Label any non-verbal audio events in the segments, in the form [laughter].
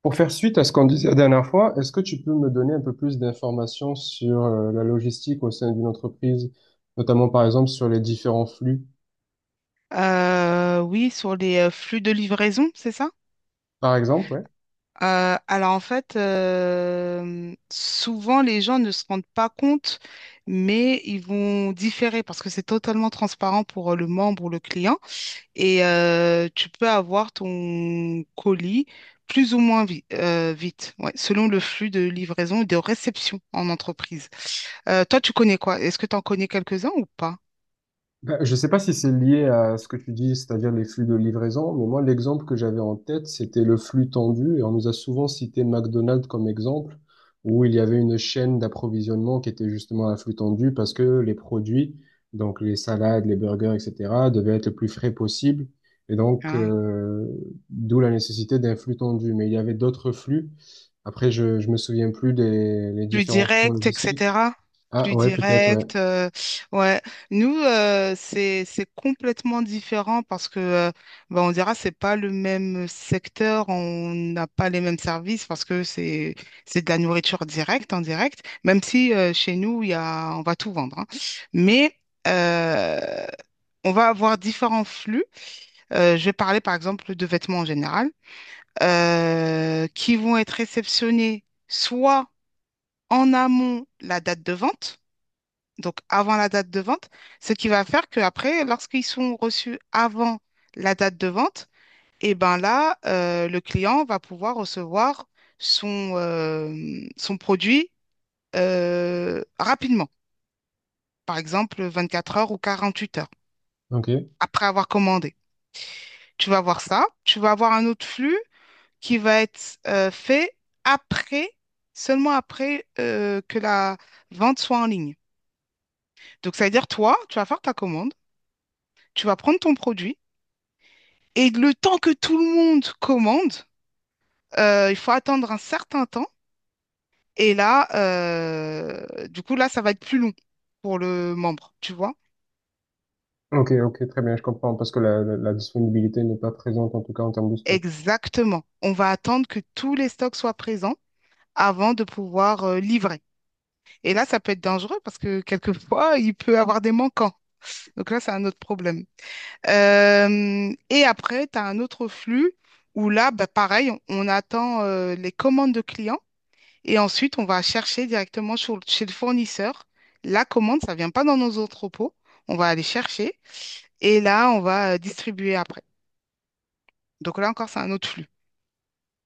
Pour faire suite à ce qu'on disait la dernière fois, est-ce que tu peux me donner un peu plus d'informations sur la logistique au sein d'une entreprise, notamment par exemple sur les différents flux, Oui, sur les flux de livraison, c'est ça? par exemple, ouais. Alors en fait, souvent les gens ne se rendent pas compte, mais ils vont différer parce que c'est totalement transparent pour le membre ou le client et tu peux avoir ton colis plus ou moins vite, ouais, selon le flux de livraison et de réception en entreprise. Toi, tu connais quoi? Est-ce que tu en connais quelques-uns ou pas? Ben, je ne sais pas si c'est lié à ce que tu dis, c'est-à-dire les flux de livraison, mais moi, l'exemple que j'avais en tête, c'était le flux tendu, et on nous a souvent cité McDonald's comme exemple, où il y avait une chaîne d'approvisionnement qui était justement à flux tendu, parce que les produits, donc les salades, les burgers, etc., devaient être le plus frais possible, et Ah, d'où la nécessité d'un flux tendu. Mais il y avait d'autres flux, après je ne me souviens plus des les plus différents flux direct, logistiques. etc. Ah Plus ouais, peut-être, ouais. direct, ouais. Nous, c'est complètement différent parce que, bah, on dira, c'est pas le même secteur, on n'a pas les mêmes services parce que c'est de la nourriture directe, en direct. Même si chez nous, il y a, on va tout vendre, hein. Mais euh, on va avoir différents flux. Je vais parler par exemple de vêtements en général, qui vont être réceptionnés soit en amont la date de vente, donc avant la date de vente, ce qui va faire qu'après, lorsqu'ils sont reçus avant la date de vente, et ben là, le client va pouvoir recevoir son produit rapidement, par exemple 24 heures ou 48 heures Ok. après avoir commandé. Tu vas voir ça, tu vas avoir un autre flux qui va être fait après, seulement après que la vente soit en ligne. Donc, ça veut dire, toi, tu vas faire ta commande, tu vas prendre ton produit, et le temps que tout le monde commande, il faut attendre un certain temps. Et là, du coup, là, ça va être plus long pour le membre, tu vois? Ok, ok, très bien, je comprends, parce que la disponibilité n'est pas présente, en tout cas en termes de stock. Exactement. On va attendre que tous les stocks soient présents avant de pouvoir livrer. Et là, ça peut être dangereux parce que quelquefois, il peut avoir des manquants. Donc là, c'est un autre problème. Et après, tu as un autre flux où là, bah, pareil, on attend les commandes de clients. Et ensuite, on va chercher directement chez le fournisseur. La commande, ça ne vient pas dans nos entrepôts. On va aller chercher et là, on va distribuer après. Donc là encore, c'est un autre flux.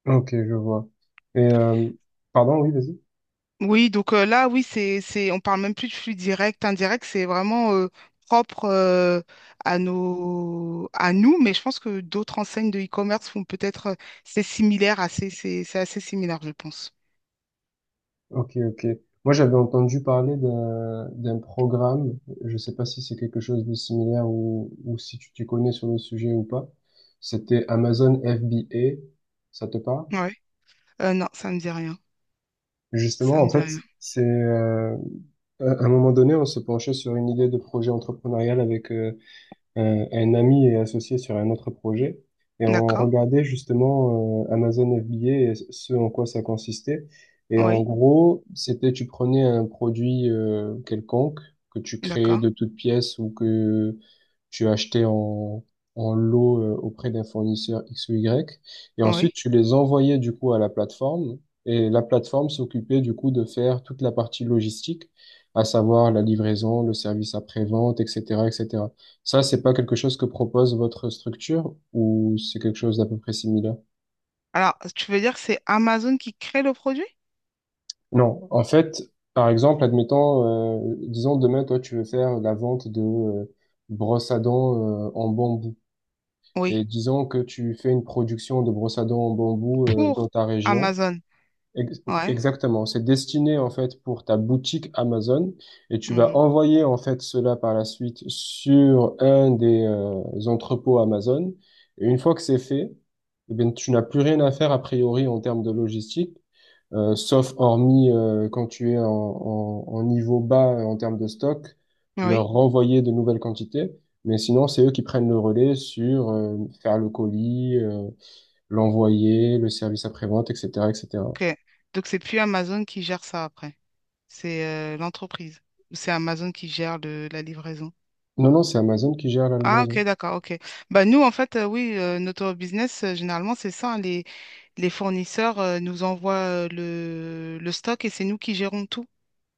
Ok, je vois. Et, euh, pardon, oui, vas-y. Oui, donc là, oui, on parle même plus de flux direct, indirect, c'est vraiment propre à nous, mais je pense que d'autres enseignes de e-commerce font peut-être, c'est similaire, assez, c'est assez similaire, je pense. Ok, ok. Moi, j'avais entendu parler d'un programme, je sais pas si c'est quelque chose de similaire ou si tu t'y connais sur le sujet ou pas. C'était Amazon FBA, ça te parle? Ouais. Non, ça me dit rien. Justement, Ça en me dit rien. fait, c'est à un moment donné, on se penchait sur une idée de projet entrepreneurial avec un ami est associé sur un autre projet. Et on D'accord. regardait justement Amazon FBA et ce en quoi ça consistait. Et en Oui. gros, c'était tu prenais un produit quelconque que tu créais D'accord. de toutes pièces ou que tu achetais en lot auprès d'un fournisseur X ou Y. Et ensuite, Oui. tu les envoyais du coup à la plateforme. Et la plateforme s'occupait du coup de faire toute la partie logistique, à savoir la livraison, le service après-vente, etc., etc. Ça, c'est pas quelque chose que propose votre structure ou c'est quelque chose d'à peu près similaire? Alors, tu veux dire que c'est Amazon qui crée le produit? Non. En fait, par exemple, admettons, disons demain, toi, tu veux faire la vente de brosses à dents en bambou. Et Oui. disons que tu fais une production de brosses à dents en bambou dans Pour ta région. Amazon. Ouais. Exactement, c'est destiné en fait pour ta boutique Amazon et tu vas Mhm. envoyer en fait cela par la suite sur un des entrepôts Amazon. Et une fois que c'est fait, eh bien, tu n'as plus rien à faire a priori en termes de logistique, sauf hormis quand tu es en niveau bas en termes de stock, leur Oui. renvoyer de nouvelles quantités. Mais sinon, c'est eux qui prennent le relais sur faire le colis, l'envoyer, le service après-vente, etc., etc. Ok. Donc, c'est plus Amazon qui gère ça après. C'est l'entreprise. Ou c'est Amazon qui gère la livraison. Non, non, c'est Amazon qui gère la Ah, ok, livraison. d'accord, ok. Bah, nous, en fait, oui, notre business, généralement, c'est ça, hein, les fournisseurs nous envoient le stock et c'est nous qui gérons tout,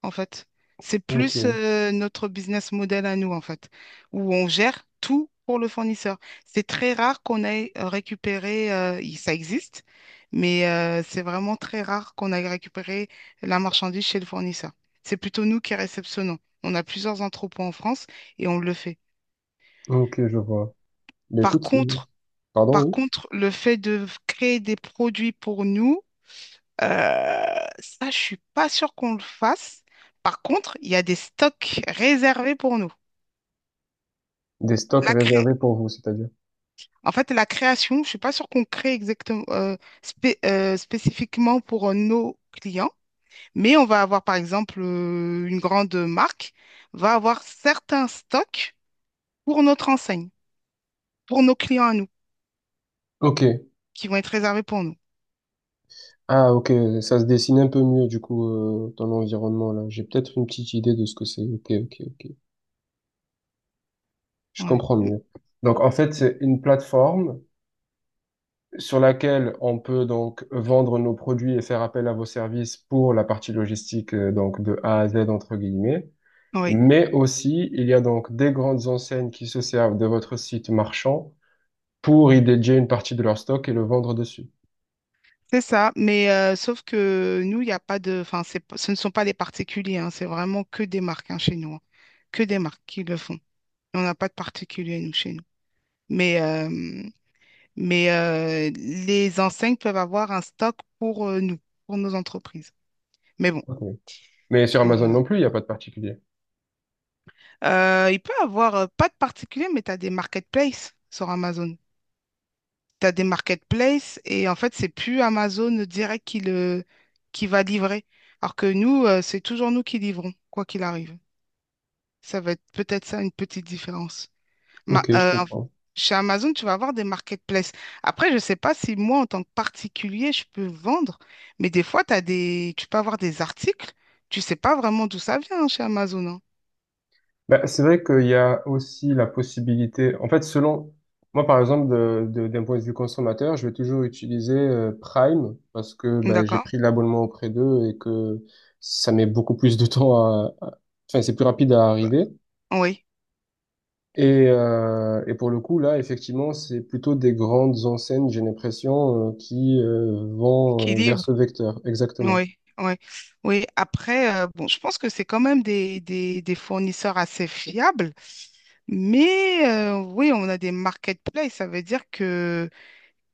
en fait. C'est Ok, plus notre business model à nous, en fait, où on gère tout pour le fournisseur. C'est très rare qu'on ait récupéré, ça existe, mais c'est vraiment très rare qu'on ait récupéré la marchandise chez le fournisseur. C'est plutôt nous qui réceptionnons. On a plusieurs entrepôts en France et on le fait. ok, je vois. Mais Par écoute, contre, pardon, par oui. contre, le fait de créer des produits pour nous, euh, ça, je suis pas sûre qu'on le fasse. Par contre, il y a des stocks réservés pour nous. Des stocks La cré- réservés pour vous, c'est-à-dire. En fait, la création, je suis pas sûre qu'on crée exactement spécifiquement pour nos clients, mais on va avoir, par exemple, une grande marque va avoir certains stocks pour notre enseigne, pour nos clients à nous, Ok. qui vont être réservés pour nous. Ah, ok, ça se dessine un peu mieux, du coup, dans l'environnement, là. J'ai peut-être une petite idée de ce que c'est. Ok, ok, ok. Je Ouais. comprends mieux. Donc, en fait, c'est une plateforme sur laquelle on peut donc vendre nos produits et faire appel à vos services pour la partie logistique, donc de A à Z, entre guillemets. Oui. Mais aussi, il y a donc des grandes enseignes qui se servent de votre site marchand pour y dédier une partie de leur stock et le vendre dessus. C'est ça, mais sauf que nous, il n'y a pas de, enfin, ce ne sont pas des particuliers, hein, c'est vraiment que des marques, hein, chez nous, hein. Que des marques qui le font. On n'a pas de particuliers nous chez nous. Mais, euh, mais les enseignes peuvent avoir un stock pour nous, pour nos entreprises. Mais bon, Ok. Mais sur c'est, Amazon non plus, il n'y a pas de particulier. Il peut avoir pas de particuliers, mais tu as des marketplaces sur Amazon. T'as des marketplaces et en fait, c'est plus Amazon direct qui va livrer. Alors que nous, c'est toujours nous qui livrons, quoi qu'il arrive. Ça va être peut-être ça une petite différence. Ma- Ok, je euh, en- comprends. Chez Amazon, tu vas avoir des marketplaces. Après, je ne sais pas si moi, en tant que particulier, je peux vendre, mais des fois, tu peux avoir des articles, tu sais pas vraiment d'où ça vient, hein, chez Amazon, hein. Bah, c'est vrai qu'il y a aussi la possibilité, en fait, selon, moi par exemple, d'un point de vue consommateur, je vais toujours utiliser Prime parce que bah, j'ai D'accord? pris l'abonnement auprès d'eux et que ça met beaucoup plus de temps enfin, c'est plus rapide à arriver. Oui. Et pour le coup, là, effectivement, c'est plutôt des grandes enseignes, j'ai l'impression, euh, qui euh, Qui vont euh, vers ce livre. vecteur, exactement. Oui, oui, oui. Après, bon, je pense que c'est quand même des fournisseurs assez fiables, mais oui, on a des marketplaces. Ça veut dire que,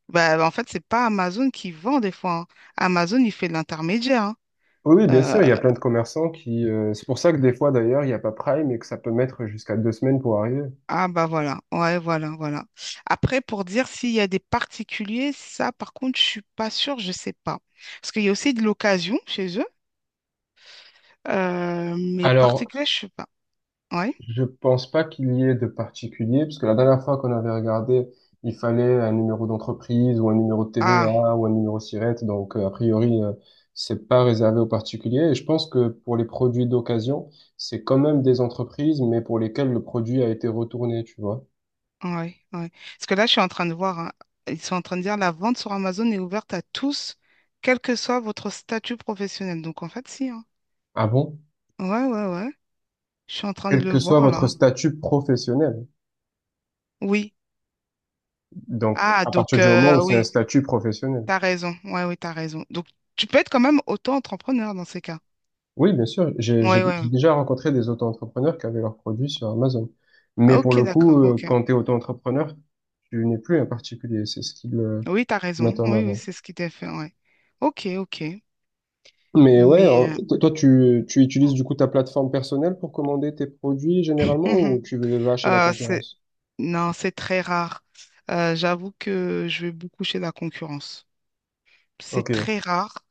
bah, en fait, c'est pas Amazon qui vend des fois, hein. Amazon, il fait de l'intermédiaire, hein. Oui, oui, bien Euh, sûr, il y a plein de commerçants qui... c'est pour ça que des fois, d'ailleurs, il n'y a pas Prime et que ça peut mettre jusqu'à deux semaines pour arriver. ah bah voilà, ouais, voilà, voilà. Après, pour dire s'il y a des particuliers, ça, par contre, je suis pas sûre, je sais pas, parce qu'il y a aussi de l'occasion chez eux, mais Alors, particulier, je sais pas. Oui. je pense pas qu'il y ait de particulier, parce que la dernière fois qu'on avait regardé, il fallait un numéro d'entreprise ou un numéro de TVA ou un numéro SIRET, donc a priori, c'est pas réservé aux particuliers. Et je pense que pour les produits d'occasion, c'est quand même des entreprises, mais pour lesquelles le produit a été retourné, tu vois. Ouais, ouais. Parce que là, je suis en train de voir, hein, ils sont en train de dire la vente sur Amazon est ouverte à tous, quel que soit votre statut professionnel. Donc, en fait, si, hein. Ah bon? Ouais, ouais, ouais. Je suis en train de Quel le que soit voir, votre là. statut professionnel. Oui. Donc, Ah, à partir donc, du moment où c'est un oui, statut professionnel. t'as raison. Ouais, oui, t'as raison. Donc, tu peux être quand même auto-entrepreneur dans ces cas. Oui, bien sûr, Ouais, ouais, ouais. j'ai déjà rencontré des auto-entrepreneurs qui avaient leurs produits sur Amazon. Mais Ah, pour ok, le coup, d'accord, ok. quand tu es auto-entrepreneur, tu n'es plus un particulier, c'est ce qu'ils Oui, t'as raison. mettent en Oui, oui, avant. c'est ce qui t'est fait, ouais. Ok, ok. Mais ouais, Mais, hein, euh, toi, tu utilises du coup ta plateforme personnelle pour commander tes produits [clears throat] généralement mhm. ou tu vas chez la Euh, c'est- concurrence? Non, c'est très rare. J'avoue que je vais beaucoup chez la concurrence. C'est Ok, très rare.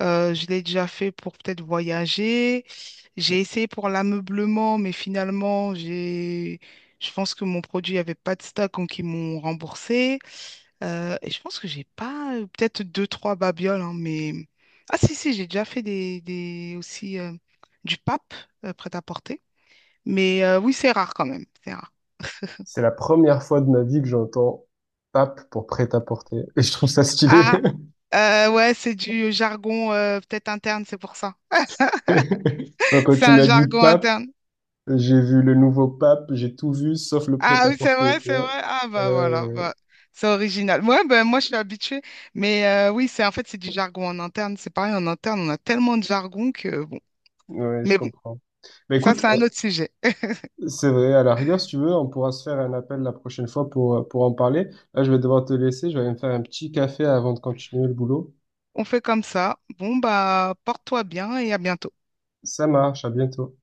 Je l'ai déjà fait pour peut-être voyager. J'ai essayé pour l'ameublement, mais finalement, j'ai... je pense que mon produit avait pas de stock, donc ils m'ont remboursé. Et je pense que j'ai pas, peut-être deux, trois babioles, hein, mais... Ah si, si, j'ai déjà fait aussi du pape prêt-à-porter. Mais oui, c'est rare quand même. C'est rare. c'est la première fois de ma vie que j'entends PAP pour prêt-à-porter. Et je trouve ça stylé. Ah, ouais, c'est du jargon peut-être interne, c'est pour ça. [laughs] [laughs] Quand C'est tu un m'as dit jargon PAP, interne. j'ai vu le nouveau pape, j'ai tout vu sauf le Ah oui, c'est prêt-à-porter, vrai, tu c'est vois. vrai. Ah bah voilà, Euh, bah, c'est original. Ouais, bah, moi je suis habituée, mais oui, c'est en fait c'est du jargon en interne. C'est pareil, en interne, on a tellement de jargon que bon. ouais, je Mais bon, comprends. Mais ça écoute, c'est un autre sujet. C'est vrai, à la rigueur, si tu veux, on pourra se faire un appel la prochaine fois pour en parler. Là, je vais devoir te laisser, je vais aller me faire un petit café avant de continuer le boulot. On fait comme ça. Bon bah porte-toi bien et à bientôt. Ça marche, à bientôt.